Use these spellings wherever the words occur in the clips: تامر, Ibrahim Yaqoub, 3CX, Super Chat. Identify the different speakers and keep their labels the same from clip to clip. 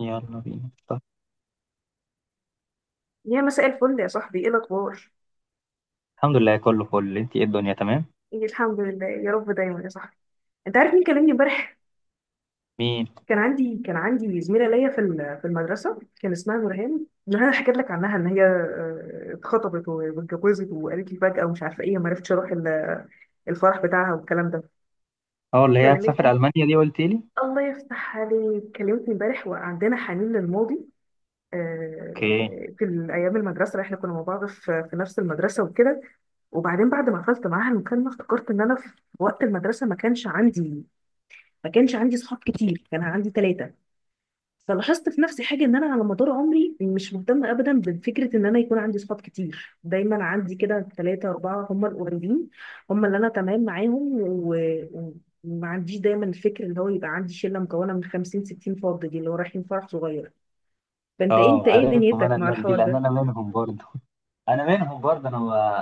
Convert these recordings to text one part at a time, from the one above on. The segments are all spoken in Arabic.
Speaker 1: يلا بينا طب.
Speaker 2: يا مساء الفل يا صاحبي، ايه الاخبار؟
Speaker 1: الحمد لله كله فل. انت ايه، الدنيا تمام؟
Speaker 2: ايه، الحمد لله يا رب دايما يا صاحبي. انت عارف مين كلمني امبارح؟
Speaker 1: مين؟
Speaker 2: كان عندي زميله ليا في المدرسه، كان اسمها نورهان. نورهان حكيت لك عنها ان هي اتخطبت واتجوزت، وقالت لي فجاه ومش عارفه ايه، ما عرفتش اروح الفرح بتاعها والكلام ده.
Speaker 1: اه، اللي هي هتسافر
Speaker 2: كلمتني.
Speaker 1: المانيا دي قلت لي.
Speaker 2: الله يفتح عليك، كلمتني امبارح وعندنا حنين للماضي.
Speaker 1: اوكي.
Speaker 2: آه، ايام المدرسه احنا كنا مع بعض في نفس المدرسه وكده. وبعدين بعد ما قفلت معاها المكالمه افتكرت ان انا في وقت المدرسه ما كانش عندي صحاب كتير، كان عندي ثلاثه. فلاحظت في نفسي حاجه ان انا على مدار عمري مش مهتمه ابدا بفكره ان انا يكون عندي صحاب كتير، دايما عندي كده ثلاثه اربعه هم القريبين، هم اللي انا تمام معاهم. و... و- وما عنديش دايما الفكر اللي هو يبقى عندي شله مكونه من 50 60 فرد، دي اللي هو رايحين فرح صغير. فانت ايه،
Speaker 1: اه
Speaker 2: انت ايه
Speaker 1: عارفهم
Speaker 2: دنيتك
Speaker 1: انا
Speaker 2: مع
Speaker 1: الناس دي،
Speaker 2: الحوار
Speaker 1: لان
Speaker 2: ده؟
Speaker 1: انا منهم برضه. انا منهم برضه. انا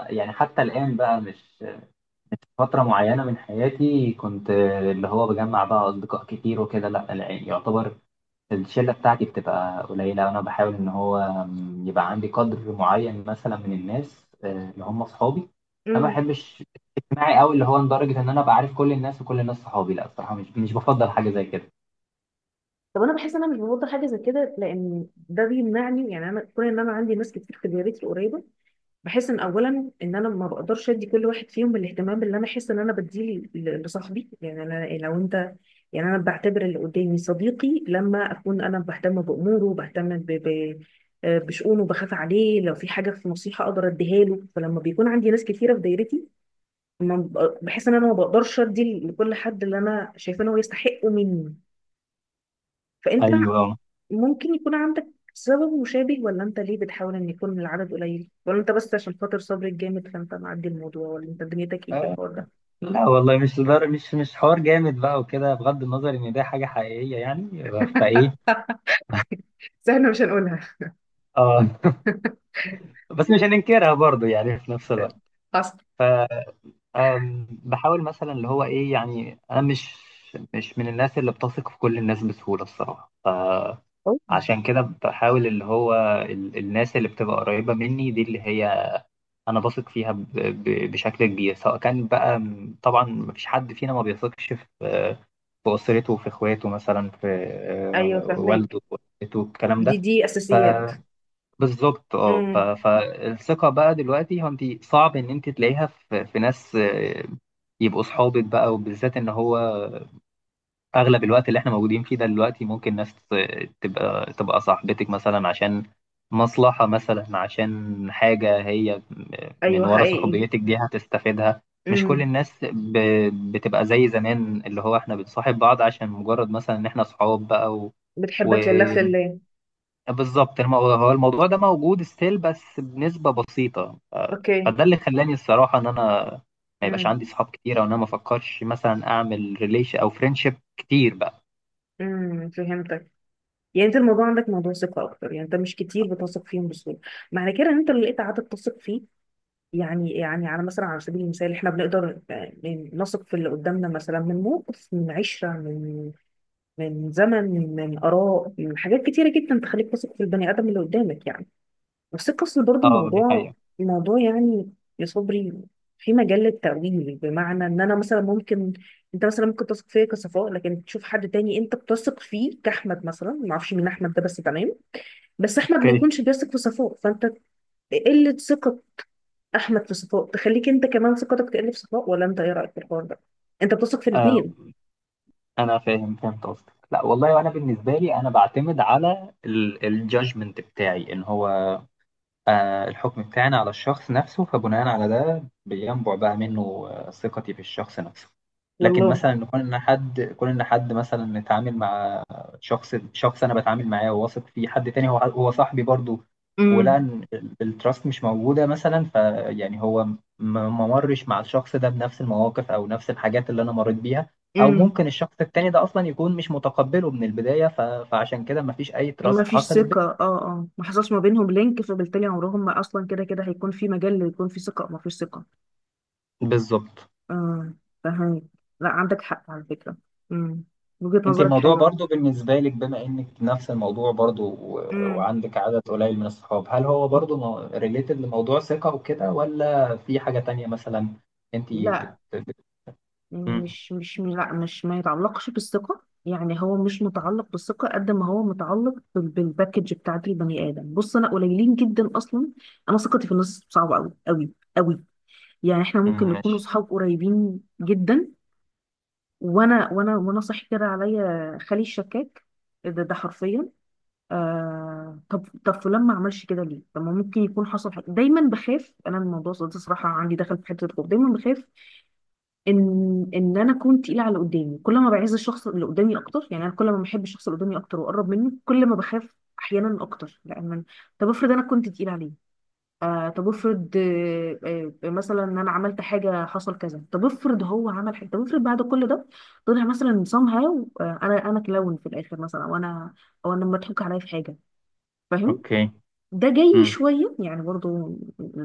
Speaker 1: يعني حتى الان بقى مش فتره معينه من حياتي كنت اللي هو بجمع بقى اصدقاء كتير وكده. لا لا، يعني يعتبر الشله بتاعتي بتبقى قليله. انا بحاول ان هو يبقى عندي قدر معين مثلا من الناس، اللي هم اصحابي. انا ما
Speaker 2: امم.
Speaker 1: بحبش اجتماعي قوي اللي هو لدرجه ان انا ابقى عارف كل الناس وكل الناس صحابي. لا الصراحه مش بفضل حاجه زي كده.
Speaker 2: طب انا بحس ان انا مش بفضل حاجه زي كده لان ده بيمنعني، يعني انا كون ان انا عندي ناس كتير في دايرتي قريبه، بحس ان اولا ان انا ما بقدرش ادي كل واحد فيهم الاهتمام اللي انا احس ان انا بديه لصاحبي. يعني انا لو انت، يعني انا بعتبر اللي قدامي صديقي لما اكون انا بهتم باموره، بهتم بشؤونه، بخاف عليه، لو في حاجه في نصيحه اقدر اديها له. فلما بيكون عندي ناس كتيره في دايرتي ما ب- بحس ان انا ما بقدرش ادي لكل حد اللي انا شايفه ان هو يستحقه مني. فانت
Speaker 1: ايوه.
Speaker 2: ممكن يكون عندك سبب مشابه، ولا انت ليه بتحاول ان يكون العدد قليل، ولا انت بس عشان خاطر صبرك جامد فانت معدي الموضوع، ولا انت دنيتك ايه في
Speaker 1: آه،
Speaker 2: الحوار ده؟
Speaker 1: لا والله مش حوار جامد بقى وكده، بغض النظر ان ده حاجه حقيقيه يعني. فايه؟
Speaker 2: بس احنا مش هنقولها.
Speaker 1: اه، بس مش هننكرها برضو يعني في نفس الوقت.
Speaker 2: حصل.
Speaker 1: آه، بحاول مثلا اللي هو ايه، يعني انا مش من الناس اللي بتثق في كل الناس بسهوله الصراحه.
Speaker 2: أوه.
Speaker 1: فعشان كده بحاول اللي هو الناس اللي بتبقى قريبه مني دي اللي هي انا بثق فيها بشكل كبير. سواء كان بقى طبعا مفيش حد فينا ما بيثقش في اسرته، في اخواته مثلا، في
Speaker 2: ايوه فهماك،
Speaker 1: والده، والدته، الكلام
Speaker 2: دي
Speaker 1: ده.
Speaker 2: دي اساسيات.
Speaker 1: فبالظبط اه.
Speaker 2: امم.
Speaker 1: فالثقه بقى دلوقتي هو انت صعب ان انت تلاقيها في ناس يبقوا صحابك بقى، وبالذات ان هو اغلب الوقت اللي احنا موجودين فيه ده دلوقتي ممكن ناس تبقى صاحبتك مثلا عشان مصلحة، مثلا عشان حاجة هي من
Speaker 2: ايوه
Speaker 1: ورا
Speaker 2: حقيقي.
Speaker 1: صحوبيتك دي هتستفيدها. مش كل
Speaker 2: امم.
Speaker 1: الناس بتبقى زي زمان اللي هو احنا بنصاحب بعض عشان مجرد مثلا ان احنا صحاب بقى
Speaker 2: بتحبك لله في الله.
Speaker 1: وبالظبط. هو الموضوع ده موجود ستيل بس بنسبة بسيطة.
Speaker 2: اوكي.
Speaker 1: فده اللي خلاني الصراحة ان انا ما يبقاش
Speaker 2: امم.
Speaker 1: عندي صحاب كتير، او ان انا ما افكرش مثلا اعمل ريليشن او فريندشيب كتير بقى.
Speaker 2: فهمتك. يعني انت الموضوع عندك موضوع ثقه اكتر، يعني انت مش كتير بتثق فيهم بسهوله. معنى كده ان انت لو لقيت عدد تثق فيه، يعني على مثلا على سبيل المثال احنا بنقدر نثق في اللي قدامنا مثلا من موقف، من 10، من زمن، من آراء، من حاجات كتيرة جدا تخليك تثق في البني آدم اللي قدامك يعني. بس القصة برضو
Speaker 1: اه دي
Speaker 2: موضوع،
Speaker 1: حقيقة.
Speaker 2: موضوع يعني، يا صبري، في مجال للتأويل. بمعنى ان انا مثلا ممكن، انت مثلا ممكن تثق فيا كصفاء لكن تشوف حد تاني انت بتثق فيه كأحمد مثلا، ما اعرفش مين احمد ده بس تمام، بس احمد ما
Speaker 1: اوكي.
Speaker 2: يكونش بيثق في صفاء. فانت قلة ثقة احمد في صفاء تخليك انت كمان ثقتك تقل في صفاء، ولا انت ايه رايك في الحوار ده؟ انت بتثق في
Speaker 1: آه،
Speaker 2: الاثنين؟
Speaker 1: انا فاهم، فهمت قصدك. لا والله، وانا بالنسبة لي انا بعتمد على الجادجمنت بتاعي ان هو الحكم بتاعنا على الشخص نفسه، فبناء على ده بينبع بقى منه ثقتي في الشخص نفسه. لكن
Speaker 2: والله.
Speaker 1: مثلا نكون ان حد كون ان حد مثلا نتعامل مع شخص انا بتعامل معاه وواثق فيه، حد تاني هو صاحبي برضه، ولقى
Speaker 2: امم.
Speaker 1: ان التراست مش موجوده مثلا. فيعني ما مرش مع الشخص ده بنفس المواقف او نفس الحاجات اللي انا مريت بيها، او
Speaker 2: امم.
Speaker 1: ممكن الشخص التاني ده اصلا يكون مش متقبله من البدايه. فعشان كده ما فيش اي
Speaker 2: ما
Speaker 1: تراست
Speaker 2: فيش
Speaker 1: حصلت بينا.
Speaker 2: ثقة، اه اه، ما حصلش ما بينهم لينك، فبالتالي عمرهم ما اصلا كده كده هيكون في مجال يكون في ثقة، ما فيش ثقة.
Speaker 1: بالظبط.
Speaker 2: اه. فهمت. لا عندك حق على فكرة. امم. وجهة
Speaker 1: انت
Speaker 2: نظرك
Speaker 1: الموضوع
Speaker 2: حلوة.
Speaker 1: برضو بالنسبة لك، بما انك نفس الموضوع برضو
Speaker 2: امم.
Speaker 1: وعندك عدد قليل من الصحاب، هل هو برضو ريليتد لموضوع ثقة وكده، ولا في حاجة تانية مثلا؟ انت
Speaker 2: لا،
Speaker 1: مم.
Speaker 2: مش مش لا، مش ما يتعلقش بالثقة، يعني هو مش متعلق بالثقة قد ما هو متعلق بالباكج بتاعت البني آدم. بص أنا قليلين جدا أصلا. أنا ثقتي في الناس صعبة أوي أوي أوي. يعني إحنا ممكن
Speaker 1: مم،
Speaker 2: نكون
Speaker 1: ماشي.
Speaker 2: أصحاب قريبين جدا، وأنا صاحي كده عليا خالي الشكاك. إيه ده، ده حرفيا، آه طب طب فلان ما عملش كده ليه؟ طب ما ممكن يكون حصل حاجة. دايما بخاف أنا من الموضوع ده صراحة، عندي دخل في حتة الخوف. دايما بخاف ان ان انا اكون تقيله على اللي قدامي، كل ما بعز الشخص اللي قدامي اكتر، يعني انا كل ما بحب الشخص اللي قدامي اكتر واقرب منه كل ما بخاف احيانا اكتر، لان طب افرض انا كنت تقيله عليه، آه طب افرض، آه، آه مثلا ان انا عملت حاجه حصل كذا، طب افرض هو عمل حاجه، طب افرض بعد كل ده طلع مثلا somehow آه انا كلاون في الاخر مثلا، او انا، او انا مضحوك عليا في حاجه. فاهم.
Speaker 1: اوكي.
Speaker 2: ده جاي
Speaker 1: مم،
Speaker 2: شويه يعني برضو،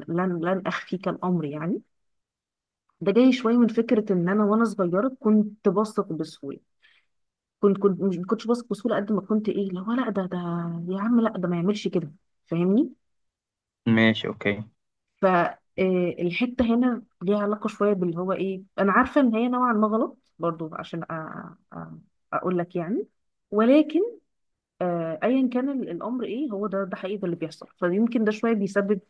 Speaker 2: لن اخفيك الامر يعني. ده جاي شويه من فكره ان انا وانا صغيره كنت بثق بسهوله، كنت مش ما كنتش بثق بسهوله قد ما كنت ايه اللي هو، لا ده ده يا عم، لا ده ما يعملش كده. فاهمني.
Speaker 1: ماشي. اوكي.
Speaker 2: فالحته هنا ليها علاقه شويه باللي هو ايه، انا عارفه ان هي نوعا ما غلط برضو عشان اقول لك يعني، ولكن ايا كان الامر ايه هو، ده ده حقيقي ده اللي بيحصل. فيمكن ده شويه بيسبب،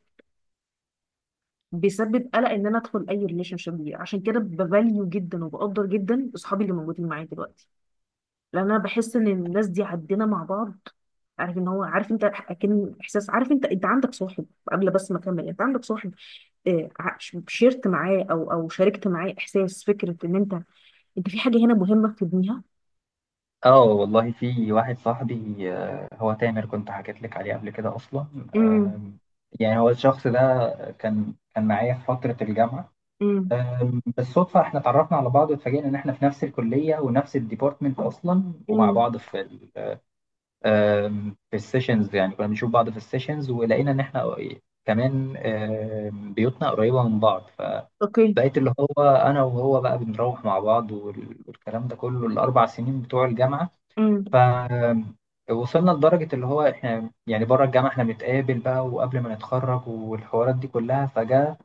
Speaker 2: بيسبب قلق ان انا ادخل اي ريليشن شيب. عشان كده بفاليو جدا وبقدر جدا اصحابي اللي موجودين معايا دلوقتي، لان انا بحس ان الناس دي عدينا مع بعض. عارف ان هو، عارف انت اكن احساس، عارف انت، انت عندك صاحب قبل؟ بس ما اكمل، انت عندك صاحب شيرت معاه او او شاركت معاه احساس فكره ان انت انت في حاجه هنا مهمه تبنيها؟
Speaker 1: اه والله، في واحد صاحبي، هو تامر، كنت حكيت لك عليه قبل كده اصلا.
Speaker 2: امم.
Speaker 1: آم، يعني هو الشخص ده كان معايا في فترة الجامعة.
Speaker 2: امم.
Speaker 1: بالصدفة احنا اتعرفنا على بعض، واتفاجئنا ان احنا في نفس الكلية ونفس الديبارتمنت اصلا، ومع
Speaker 2: امم.
Speaker 1: بعض في في السيشنز. يعني كنا بنشوف بعض في السيشنز، ولقينا ان احنا كمان بيوتنا قريبة من بعض،
Speaker 2: اوكي.
Speaker 1: فبقيت اللي هو انا وهو بقى بنروح مع بعض والكلام ده كله ال4 سنين بتوع الجامعة.
Speaker 2: امم.
Speaker 1: ف وصلنا لدرجة اللي هو احنا يعني بره الجامعة احنا بنتقابل بقى، وقبل ما نتخرج والحوارات دي كلها. فجأة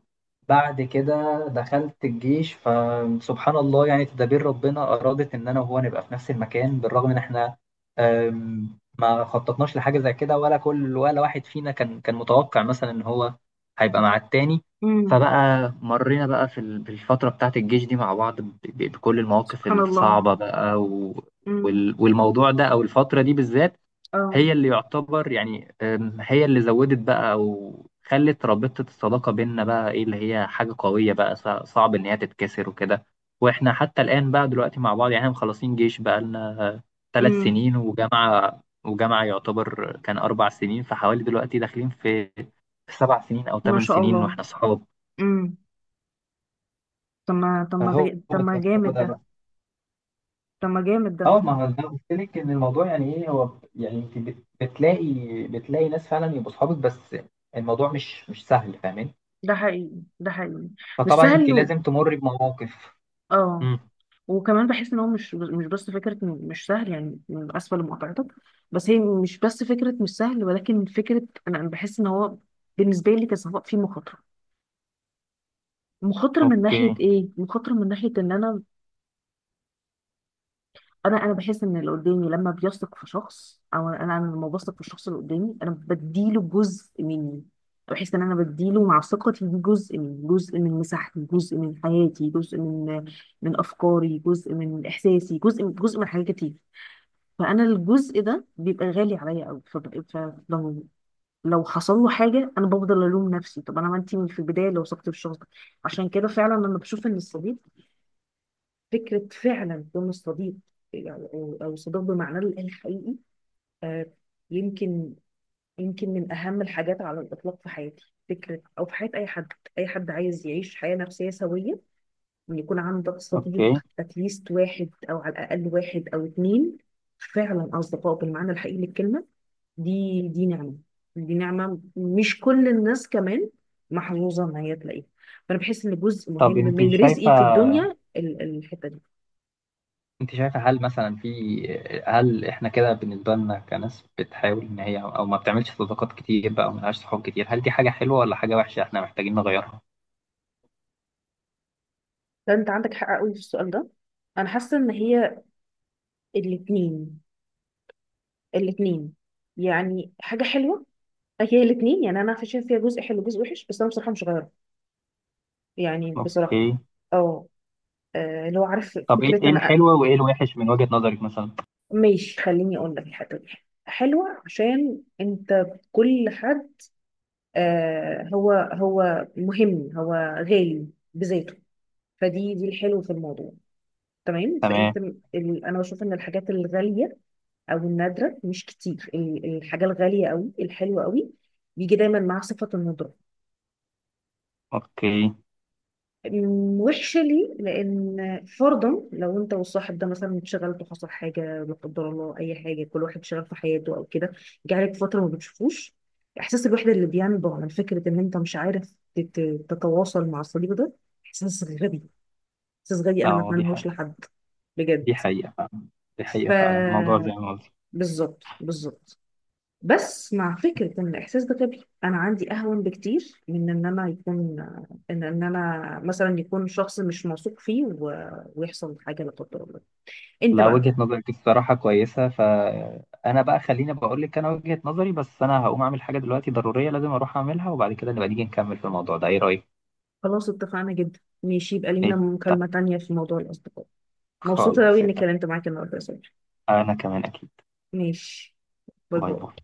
Speaker 1: بعد كده دخلت الجيش، فسبحان الله يعني تدابير ربنا أرادت إن أنا وهو نبقى في نفس المكان، بالرغم إن إحنا ما خططناش لحاجة زي كده، ولا كل ولا واحد فينا كان متوقع مثلا إن هو هيبقى مع التاني.
Speaker 2: امم.
Speaker 1: فبقى مرينا بقى في في الفترة بتاعة الجيش دي مع بعض بكل المواقف
Speaker 2: سبحان الله.
Speaker 1: الصعبة بقى
Speaker 2: امم.
Speaker 1: والموضوع ده، أو الفترة دي بالذات،
Speaker 2: اه.
Speaker 1: هي اللي يعتبر يعني هي اللي زودت بقى، او خلت رابطة الصداقة بيننا بقى ايه اللي هي حاجة قوية بقى، صعب ان هي تتكسر وكده. واحنا حتى الآن بقى دلوقتي مع بعض، يعني احنا مخلصين جيش بقى لنا ثلاث
Speaker 2: امم.
Speaker 1: سنين وجامعة، وجامعة يعتبر كان 4 سنين، فحوالي دلوقتي داخلين في في 7 سنين أو
Speaker 2: ما
Speaker 1: ثمان
Speaker 2: شاء
Speaker 1: سنين
Speaker 2: الله.
Speaker 1: واحنا صحاب.
Speaker 2: امم. طب ما، طب ما
Speaker 1: فهو
Speaker 2: ده، طب ما جامد ده، طب ما جامد ده.
Speaker 1: اه، ما هو زي ما قلت لك ان الموضوع يعني ايه هو، يعني انت بتلاقي ناس فعلا يبقوا اصحابك، بس الموضوع مش سهل فاهمين.
Speaker 2: ده حقيقي، ده حقيقي. مش
Speaker 1: فطبعا انت
Speaker 2: سهل و...
Speaker 1: لازم تمر بمواقف.
Speaker 2: اه.
Speaker 1: امم.
Speaker 2: وكمان بحس ان هو مش مش بس فكره إن مش سهل، يعني اسفه لمقاطعتك، بس هي مش بس فكره مش سهل ولكن فكره، أنا بحس ان هو بالنسبه لي كصفاء فيه مخاطره. مخاطره من ناحيه
Speaker 1: اوكي.
Speaker 2: ايه؟ مخاطره من ناحيه ان انا، انا بحس ان اللي قدامي لما بيثق في شخص، او انا، أنا لما بثق في الشخص اللي قدامي انا بديله جزء مني. بحس ان انا بديله مع ثقتي دي جزء من، جزء من مساحتي، جزء من حياتي، جزء من من افكاري، جزء من احساسي، جزء من جزء من حاجات كتير. فانا الجزء ده بيبقى غالي عليا قوي، فببقى فلو، لو حصل له حاجه انا بفضل الوم نفسي، طب انا ما انت من في البدايه لو وثقت في الشخص ده. عشان كده فعلا لما بشوف ان الصديق، فكره فعلا كون الصديق، يعني، او أو صديق بمعناه الحقيقي، آه، يمكن، يمكن من اهم الحاجات على الاطلاق في حياتي، فكره او في حياه اي حد، اي حد عايز يعيش حياه نفسيه سويه، ان يكون عندك صديق،
Speaker 1: اوكي.
Speaker 2: اتليست واحد، او على الاقل واحد او اتنين، فعلا اصدقاء بالمعنى الحقيقي للكلمه. دي نعمة، دي نعمة مش كل الناس كمان محظوظة ان هي تلاقيها. فانا بحس ان جزء مهم
Speaker 1: طب انت
Speaker 2: من رزقي في الدنيا الحتة دي.
Speaker 1: انت شايفه هل مثلا هل احنا كده بالنسبه لنا كناس بتحاول ان هي او ما بتعملش صداقات كتير بقى، وما لهاش صحاب كتير، هل دي حاجه حلوه ولا حاجه وحشه احنا محتاجين نغيرها؟
Speaker 2: فانت عندك حق قوي في السؤال ده. انا حاسة ان هي الاتنين، الاتنين، يعني حاجة حلوة، هي الاتنين. يعني انا عارفة فيها جزء حلو وجزء وحش بس انا بصراحة مش غيره، يعني بصراحة.
Speaker 1: اوكي.
Speaker 2: اه. لو عارف
Speaker 1: طب ايه
Speaker 2: فكرة
Speaker 1: إيه
Speaker 2: انا
Speaker 1: الحلوه وايه الوحش من وجهه نظرك مثلا؟
Speaker 2: ماشي خليني اقول لك. الحتة دي حلوة عشان انت، كل حد، آه هو هو مهم، هو غالي بذاته. فدي الحلو في الموضوع، تمام.
Speaker 1: تمام.
Speaker 2: فانت انا بشوف ان الحاجات الغاليه، او النادره مش كتير، الحاجه الغاليه قوي الحلوه قوي بيجي دايما مع صفه الندره.
Speaker 1: اوكي.
Speaker 2: وحشة لي، لأن فرضا لو أنت والصاحب ده مثلا اتشغلتوا، حصل حاجة لا قدر الله، أي حاجة، كل واحد شغال في حياته أو كده، جه عليك فترة ما بتشوفوش، إحساس الوحدة اللي بينبع من فكرة إن أنت مش عارف تتواصل مع الصديق ده، إحساس غبي، إحساس غبي أنا ما
Speaker 1: اه دي
Speaker 2: أتمنهوش
Speaker 1: حاجه،
Speaker 2: لحد
Speaker 1: دي
Speaker 2: بجد.
Speaker 1: حقيقة فعلا. دي
Speaker 2: ف
Speaker 1: حقيقة فعلا الموضوع زي ما قلت.
Speaker 2: بالظبط، بالظبط. بس مع فكرة إن الإحساس ده غبي أنا عندي أهون بكتير من إن أنا يكون، إن أنا مثلا يكون شخص مش موثوق فيه و...، ويحصل حاجة لا قدر الله، أنت
Speaker 1: لا
Speaker 2: بقى.
Speaker 1: وجهة نظرك الصراحة كويسة، فأنا بقى خليني بقول لك أنا وجهة نظري، بس أنا هقوم أعمل حاجة دلوقتي ضرورية لازم أروح أعملها، وبعد كده نبقى نيجي نكمل في الموضوع ده. إيه رأيك؟
Speaker 2: خلاص اتفقنا جدا، ماشي يبقى
Speaker 1: إيه؟
Speaker 2: لينا
Speaker 1: طيب.
Speaker 2: مكالمة تانية في موضوع الأصدقاء. مبسوطة أوي
Speaker 1: خلاص. إيه؟
Speaker 2: إني
Speaker 1: طيب.
Speaker 2: اتكلمت معاك النهاردة يا صبري.
Speaker 1: أنا كمان أكيد.
Speaker 2: ماشي. باي
Speaker 1: باي باي.
Speaker 2: باي.